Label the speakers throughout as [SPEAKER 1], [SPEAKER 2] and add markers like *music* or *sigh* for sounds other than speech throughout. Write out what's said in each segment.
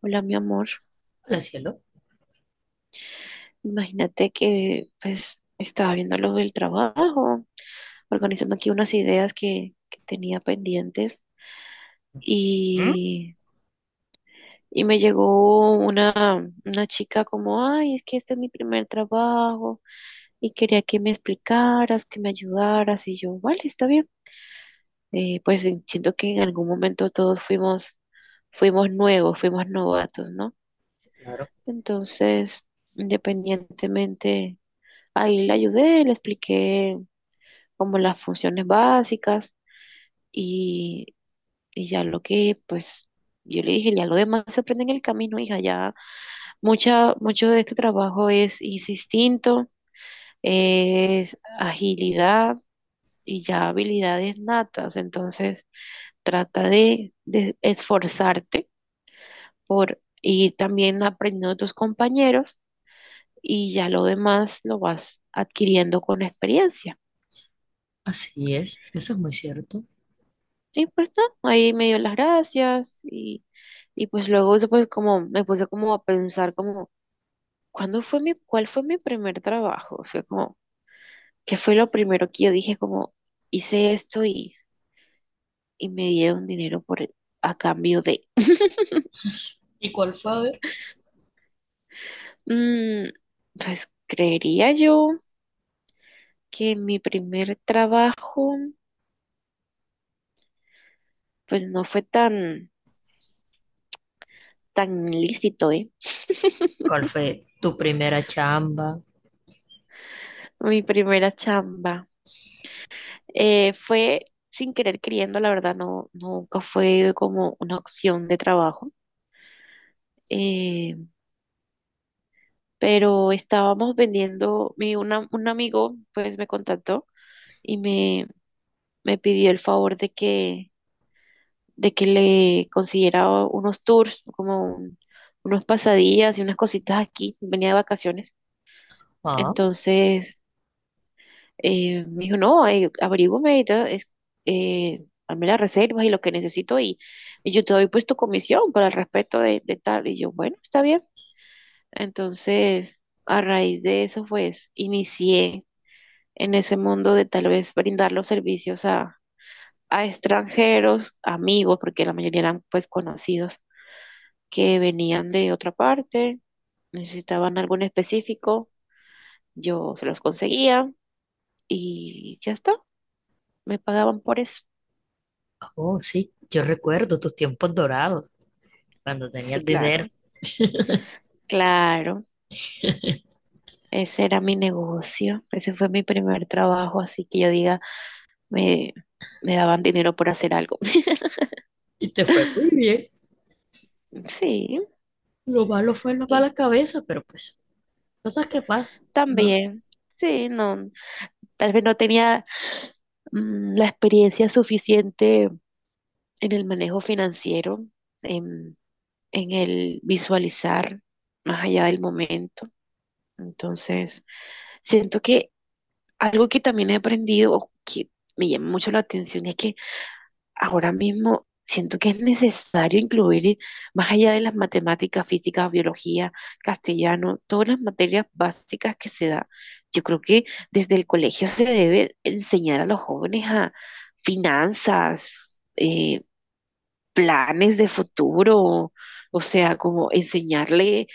[SPEAKER 1] Hola, mi amor.
[SPEAKER 2] Hola, cielo.
[SPEAKER 1] Imagínate que pues estaba viendo lo del trabajo, organizando aquí unas ideas que tenía pendientes
[SPEAKER 2] ¿Mm?
[SPEAKER 1] y, y me llegó una chica como, ay, es que este es mi primer trabajo y quería que me explicaras, que me ayudaras y yo, vale, está bien. Pues siento que en algún momento todos fuimos, nuevos, fuimos novatos, ¿no? Entonces, independientemente. Ahí le ayudé, le expliqué como las funciones básicas y, y ya pues, yo le dije, ya lo demás se aprende en el camino, hija, ya mucho de este trabajo es instinto, es agilidad y ya habilidades natas, entonces trata de esforzarte por ir también aprendiendo de tus compañeros y ya lo demás lo vas adquiriendo con experiencia.
[SPEAKER 2] Así es, eso es muy cierto.
[SPEAKER 1] Sí, pues no, ahí me dio las gracias y pues luego eso pues como me puse como a pensar como, ¿cuándo fue cuál fue mi primer trabajo? O sea, como, ¿qué fue lo primero que yo dije como, hice esto y me dieron dinero a cambio de.
[SPEAKER 2] ¿Y cuál fue? A ver.
[SPEAKER 1] Mm, pues creería yo que mi primer trabajo pues no fue tan lícito, ¿eh?
[SPEAKER 2] ¿Cuál fue tu primera chamba?
[SPEAKER 1] Mi primera chamba. Fue sin querer queriendo, la verdad, no, nunca fue como una opción de trabajo. eh, pero estábamos vendiendo, un amigo pues me contactó y me pidió el favor de que le consiguiera unos tours, como unos pasadías y unas cositas aquí. Venía de vacaciones.
[SPEAKER 2] Ah,
[SPEAKER 1] Entonces, me dijo, no, averígüeme y todo, hazme las reservas y lo que necesito y yo te doy pues tu comisión para el respeto de tal. Y yo, bueno, está bien. Entonces, a raíz de eso, pues, inicié en ese mundo de tal vez brindar los servicios a extranjeros, amigos, porque la mayoría eran pues conocidos que venían de otra parte, necesitaban algo en específico, yo se los conseguía y ya está, me pagaban por eso.
[SPEAKER 2] oh, sí, yo recuerdo tus tiempos dorados, cuando
[SPEAKER 1] Sí,
[SPEAKER 2] tenías dinero.
[SPEAKER 1] claro,
[SPEAKER 2] *laughs*
[SPEAKER 1] claro. Ese era mi negocio. Ese fue mi primer trabajo, así que yo diga, me, me daban dinero por hacer algo.
[SPEAKER 2] Y te fue
[SPEAKER 1] *laughs*
[SPEAKER 2] muy bien.
[SPEAKER 1] Sí,
[SPEAKER 2] Lo malo fue la
[SPEAKER 1] y
[SPEAKER 2] mala cabeza, pero pues, cosas que pasan, ¿no?
[SPEAKER 1] también. Sí, no, tal vez no tenía la experiencia suficiente en el manejo financiero, en, en el visualizar más allá del momento. Entonces, siento que algo que también he aprendido, o que me llama mucho la atención, es que ahora mismo siento que es necesario incluir, más allá de las matemáticas, física, biología, castellano, todas las materias básicas que se da. Yo creo que desde el colegio se debe enseñar a los jóvenes a finanzas, planes de futuro, o sea, como enseñarle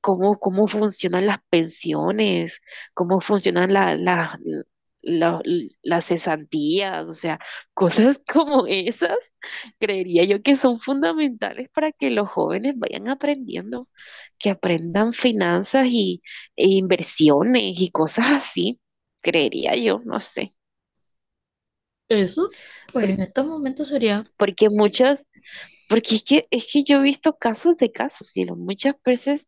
[SPEAKER 1] cómo funcionan las pensiones, cómo funcionan la- las cesantías, o sea, cosas *laughs* como esas. Creería yo que son fundamentales para que los jóvenes vayan aprendiendo, que aprendan finanzas e inversiones y cosas así, creería yo, no sé.
[SPEAKER 2] Eso, pues
[SPEAKER 1] Por-
[SPEAKER 2] en estos momentos sería,
[SPEAKER 1] porque muchas, porque es que yo he visto casos de casos, y muchas veces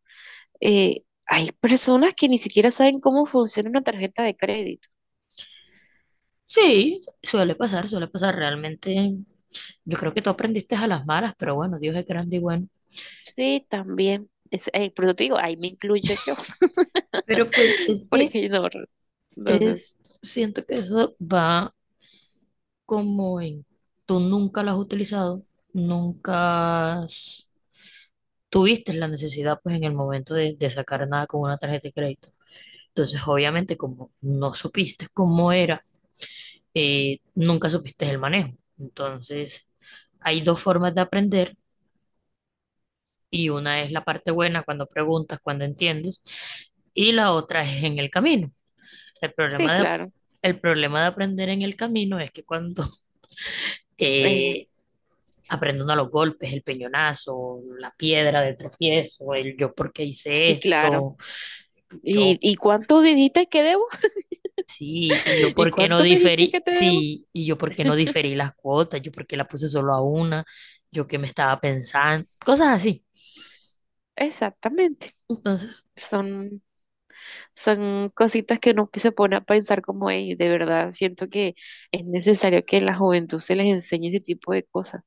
[SPEAKER 1] hay personas que ni siquiera saben cómo funciona una tarjeta de crédito.
[SPEAKER 2] sí, suele pasar realmente. Yo creo que tú aprendiste a las malas, pero bueno, Dios es grande y bueno.
[SPEAKER 1] Sí, también, por eso te digo, ahí me incluyo yo,
[SPEAKER 2] Pero pues
[SPEAKER 1] *laughs*
[SPEAKER 2] es que
[SPEAKER 1] porque no, entonces,
[SPEAKER 2] es, siento que eso va. Como en, tú nunca lo has utilizado, nunca has- tuviste la necesidad pues en el momento de sacar nada con una tarjeta de crédito. Entonces, obviamente, como no supiste cómo era, nunca supiste el manejo. Entonces, hay dos formas de aprender, y una es la parte buena cuando preguntas, cuando entiendes, y la otra es en el camino. El
[SPEAKER 1] sí,
[SPEAKER 2] problema de,
[SPEAKER 1] claro,
[SPEAKER 2] el problema de aprender en el camino es que cuando *laughs*
[SPEAKER 1] eh,
[SPEAKER 2] eh, aprendiendo a los golpes, el peñonazo, la piedra de tropiezo, el yo por qué hice
[SPEAKER 1] sí, claro.
[SPEAKER 2] esto,
[SPEAKER 1] ¿Y,
[SPEAKER 2] yo
[SPEAKER 1] y cuánto dijiste que debo?
[SPEAKER 2] sí, y yo
[SPEAKER 1] *laughs* ¿Y
[SPEAKER 2] por qué no
[SPEAKER 1] cuánto me dijiste
[SPEAKER 2] diferí,
[SPEAKER 1] que te debo?
[SPEAKER 2] sí, y yo por qué no diferí las cuotas, yo por qué la puse solo a una, yo qué me estaba pensando, cosas así.
[SPEAKER 1] Exactamente.
[SPEAKER 2] Entonces,
[SPEAKER 1] Son, Son cositas que uno se pone a pensar como "Ey, de verdad siento que es necesario que la juventud se les enseñe ese tipo de cosas,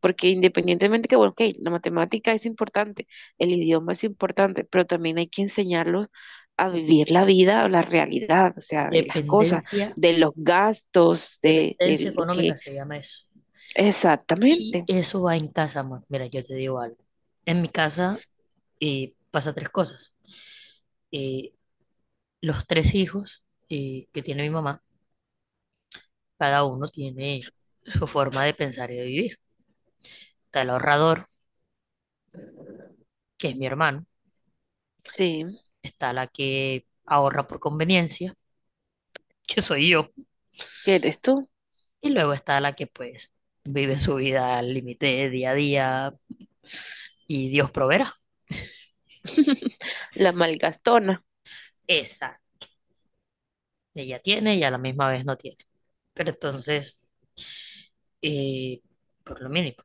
[SPEAKER 1] porque independientemente que, bueno, ok, la matemática es importante, el idioma es importante, pero también hay que enseñarlos a vivir la vida, la realidad, o sea, de las cosas,
[SPEAKER 2] dependencia,
[SPEAKER 1] de los gastos,
[SPEAKER 2] dependencia
[SPEAKER 1] de lo que.
[SPEAKER 2] económica se llama eso.
[SPEAKER 1] Exactamente,
[SPEAKER 2] Y eso va en casa, amor. Mira, yo te digo algo. En mi casa pasa tres cosas. Eh, los tres hijos que tiene mi mamá, cada uno tiene su forma de pensar y de vivir. Está el ahorrador, que es mi hermano.
[SPEAKER 1] sí,
[SPEAKER 2] Está la que ahorra por conveniencia, *laughs* que soy yo.
[SPEAKER 1] que eres tú.
[SPEAKER 2] Y luego está la que pues vive su vida al límite día a día y Dios proveerá.
[SPEAKER 1] *laughs* La malgastona.
[SPEAKER 2] Esa, ella tiene y a la misma vez no tiene. Pero entonces, eh, por lo mínimo,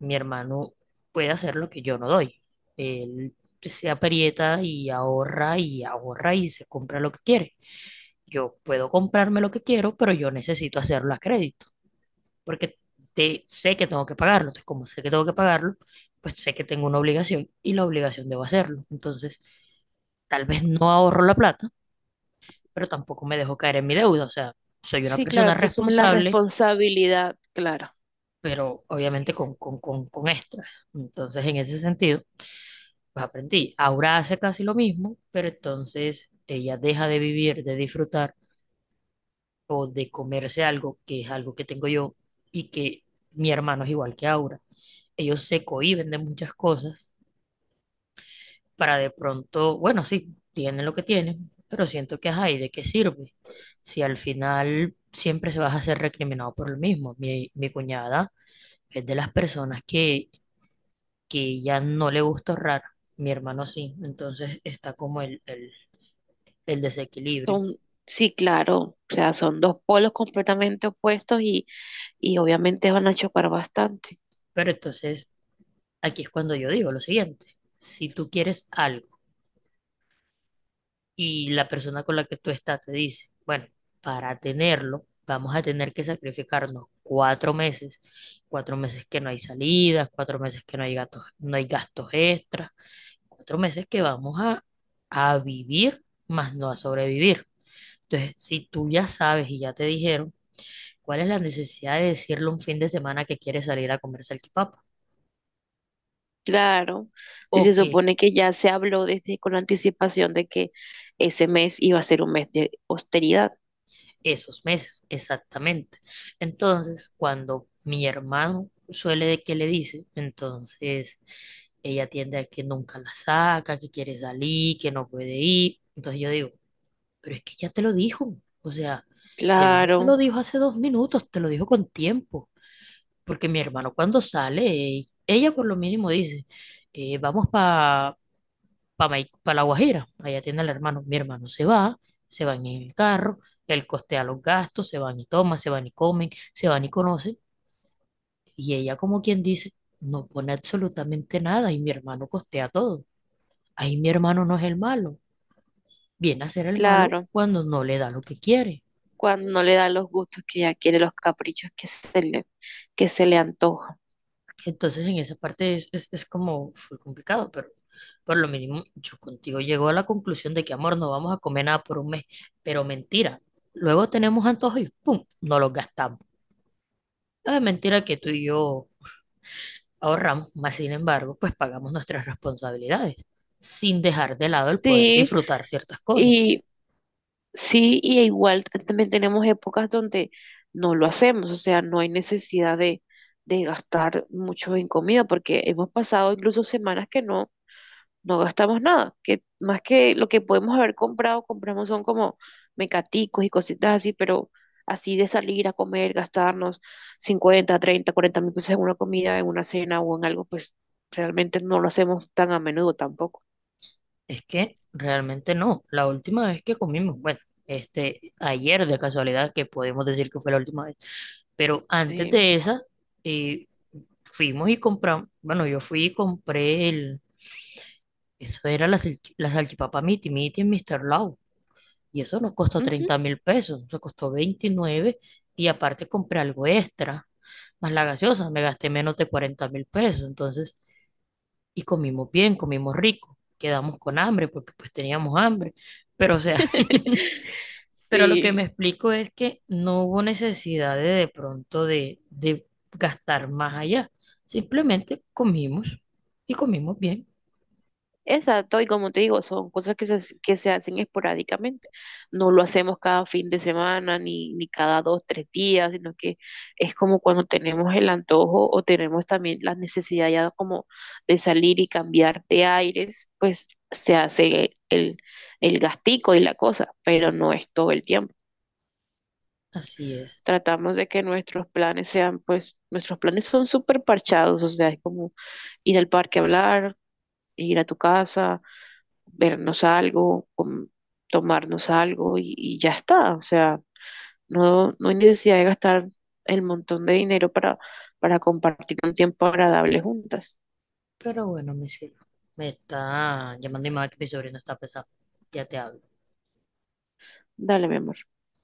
[SPEAKER 2] mi hermano puede hacer lo que yo no doy. Él se aprieta y ahorra y ahorra y se compra lo que quiere. Yo puedo comprarme lo que quiero, pero yo necesito hacerlo a crédito, porque sé que tengo que pagarlo. Entonces, como sé que tengo que pagarlo, pues sé que tengo una obligación y la obligación debo hacerlo. Entonces, tal vez no ahorro la plata, pero tampoco me dejo caer en mi deuda. O sea, soy una
[SPEAKER 1] Sí, claro,
[SPEAKER 2] persona
[SPEAKER 1] tú asumes la
[SPEAKER 2] responsable,
[SPEAKER 1] responsabilidad, claro.
[SPEAKER 2] pero obviamente con extras. Entonces, en ese sentido, pues aprendí. Ahora hace casi lo mismo, pero entonces ella deja de vivir, de disfrutar o de comerse algo, que es algo que tengo yo y que mi hermano es igual que Aura. Ellos se cohíben de muchas cosas para de pronto, bueno, sí, tienen lo que tienen, pero siento que, ajá, ¿y de qué sirve? Si al final siempre se vas a ser recriminado por lo mismo. Mi cuñada es de las personas que ya no le gusta ahorrar, mi hermano sí, entonces está como el desequilibrio.
[SPEAKER 1] Son, sí, claro, o sea, son dos polos completamente opuestos y obviamente van a chocar bastante.
[SPEAKER 2] Pero entonces aquí es cuando yo digo lo siguiente, si tú quieres algo, y la persona con la que tú estás te dice, bueno, para tenerlo vamos a tener que sacrificarnos cuatro meses que no hay salidas, cuatro meses que no hay gatos, no hay gastos extras, cuatro meses que a vivir, más no a sobrevivir. Entonces, si tú ya sabes y ya te dijeron, ¿cuál es la necesidad de decirle un fin de semana que quieres salir a comer salchipapa?
[SPEAKER 1] Claro, si
[SPEAKER 2] O
[SPEAKER 1] se
[SPEAKER 2] que
[SPEAKER 1] supone que ya se habló desde con anticipación de que ese mes iba a ser un mes de austeridad.
[SPEAKER 2] esos meses, exactamente. Entonces, cuando mi hermano suele de que le dice, entonces ella tiende a que nunca la saca, que quiere salir, que no puede ir. Entonces yo digo, pero es que ya te lo dijo. O sea, él no te
[SPEAKER 1] Claro,
[SPEAKER 2] lo dijo hace dos minutos, te lo dijo con tiempo. Porque mi hermano cuando sale, ella por lo mínimo dice, vamos para La Guajira. Allá tiene el hermano. Mi hermano se va, se van en el carro, él costea los gastos, se van y toman, se van y comen, se van y conocen. Y ella, como quien dice, no pone absolutamente nada y mi hermano costea todo. Ahí mi hermano no es el malo. Viene a ser el malo
[SPEAKER 1] claro.
[SPEAKER 2] cuando no le da lo que quiere.
[SPEAKER 1] Cuando no le da los gustos que ella quiere, los caprichos que se le antojan.
[SPEAKER 2] Entonces, en esa parte es como fue complicado, pero por lo mínimo yo contigo llego a la conclusión de que, amor, no vamos a comer nada por un mes, pero mentira. Luego tenemos antojos y ¡pum! No los gastamos. No es mentira que tú y yo ahorramos, mas sin embargo, pues pagamos nuestras responsabilidades, sin dejar de lado el poder
[SPEAKER 1] Sí,
[SPEAKER 2] disfrutar ciertas cosas.
[SPEAKER 1] y sí, y igual también tenemos épocas donde no lo hacemos, o sea, no hay necesidad de gastar mucho en comida, porque hemos pasado incluso semanas que no gastamos nada, que más que lo que podemos haber comprado, compramos son como mecaticos y cositas así, pero así de salir a comer, gastarnos 50.000, 30.000, 40.000 pesos en una comida, en una cena o en algo, pues realmente no lo hacemos tan a menudo tampoco.
[SPEAKER 2] Es que realmente no. La última vez que comimos, bueno, este, ayer de casualidad, que podemos decir que fue la última vez, pero antes
[SPEAKER 1] Sí.
[SPEAKER 2] de esa, eh, fuimos y compramos, bueno, yo fui y compré el, eso era la, la salchipapa Miti Miti en Mr. Lau. Y eso no costó
[SPEAKER 1] Ujú.
[SPEAKER 2] 30.000 pesos, eso costó veintinueve, y aparte compré algo extra, más la gaseosa, me gasté menos de 40.000 pesos. Entonces, y comimos bien, comimos rico, quedamos con hambre porque pues teníamos hambre, pero o sea, *laughs*
[SPEAKER 1] *laughs*
[SPEAKER 2] pero lo que me
[SPEAKER 1] Sí.
[SPEAKER 2] explico es que no hubo necesidad de pronto de gastar más allá, simplemente comimos y comimos bien,
[SPEAKER 1] Exacto, y como te digo, son cosas que se hacen esporádicamente. No lo hacemos cada fin de semana ni cada dos, tres días, sino que es como cuando tenemos el antojo o tenemos también la necesidad ya como de salir y cambiar de aires, pues se hace el gastico y la cosa, pero no es todo el tiempo.
[SPEAKER 2] así es,
[SPEAKER 1] Tratamos de que nuestros planes pues nuestros planes son súper parchados, o sea, es como ir al parque a hablar, ir a tu casa vernos algo, tomarnos algo y ya está. O sea, no hay necesidad de gastar el montón de dinero para compartir un tiempo agradable juntas.
[SPEAKER 2] pero bueno, mi cielo, me está llamando mi mamá que mi sobrino está pesado, ya te hablo.
[SPEAKER 1] Dale, mi amor.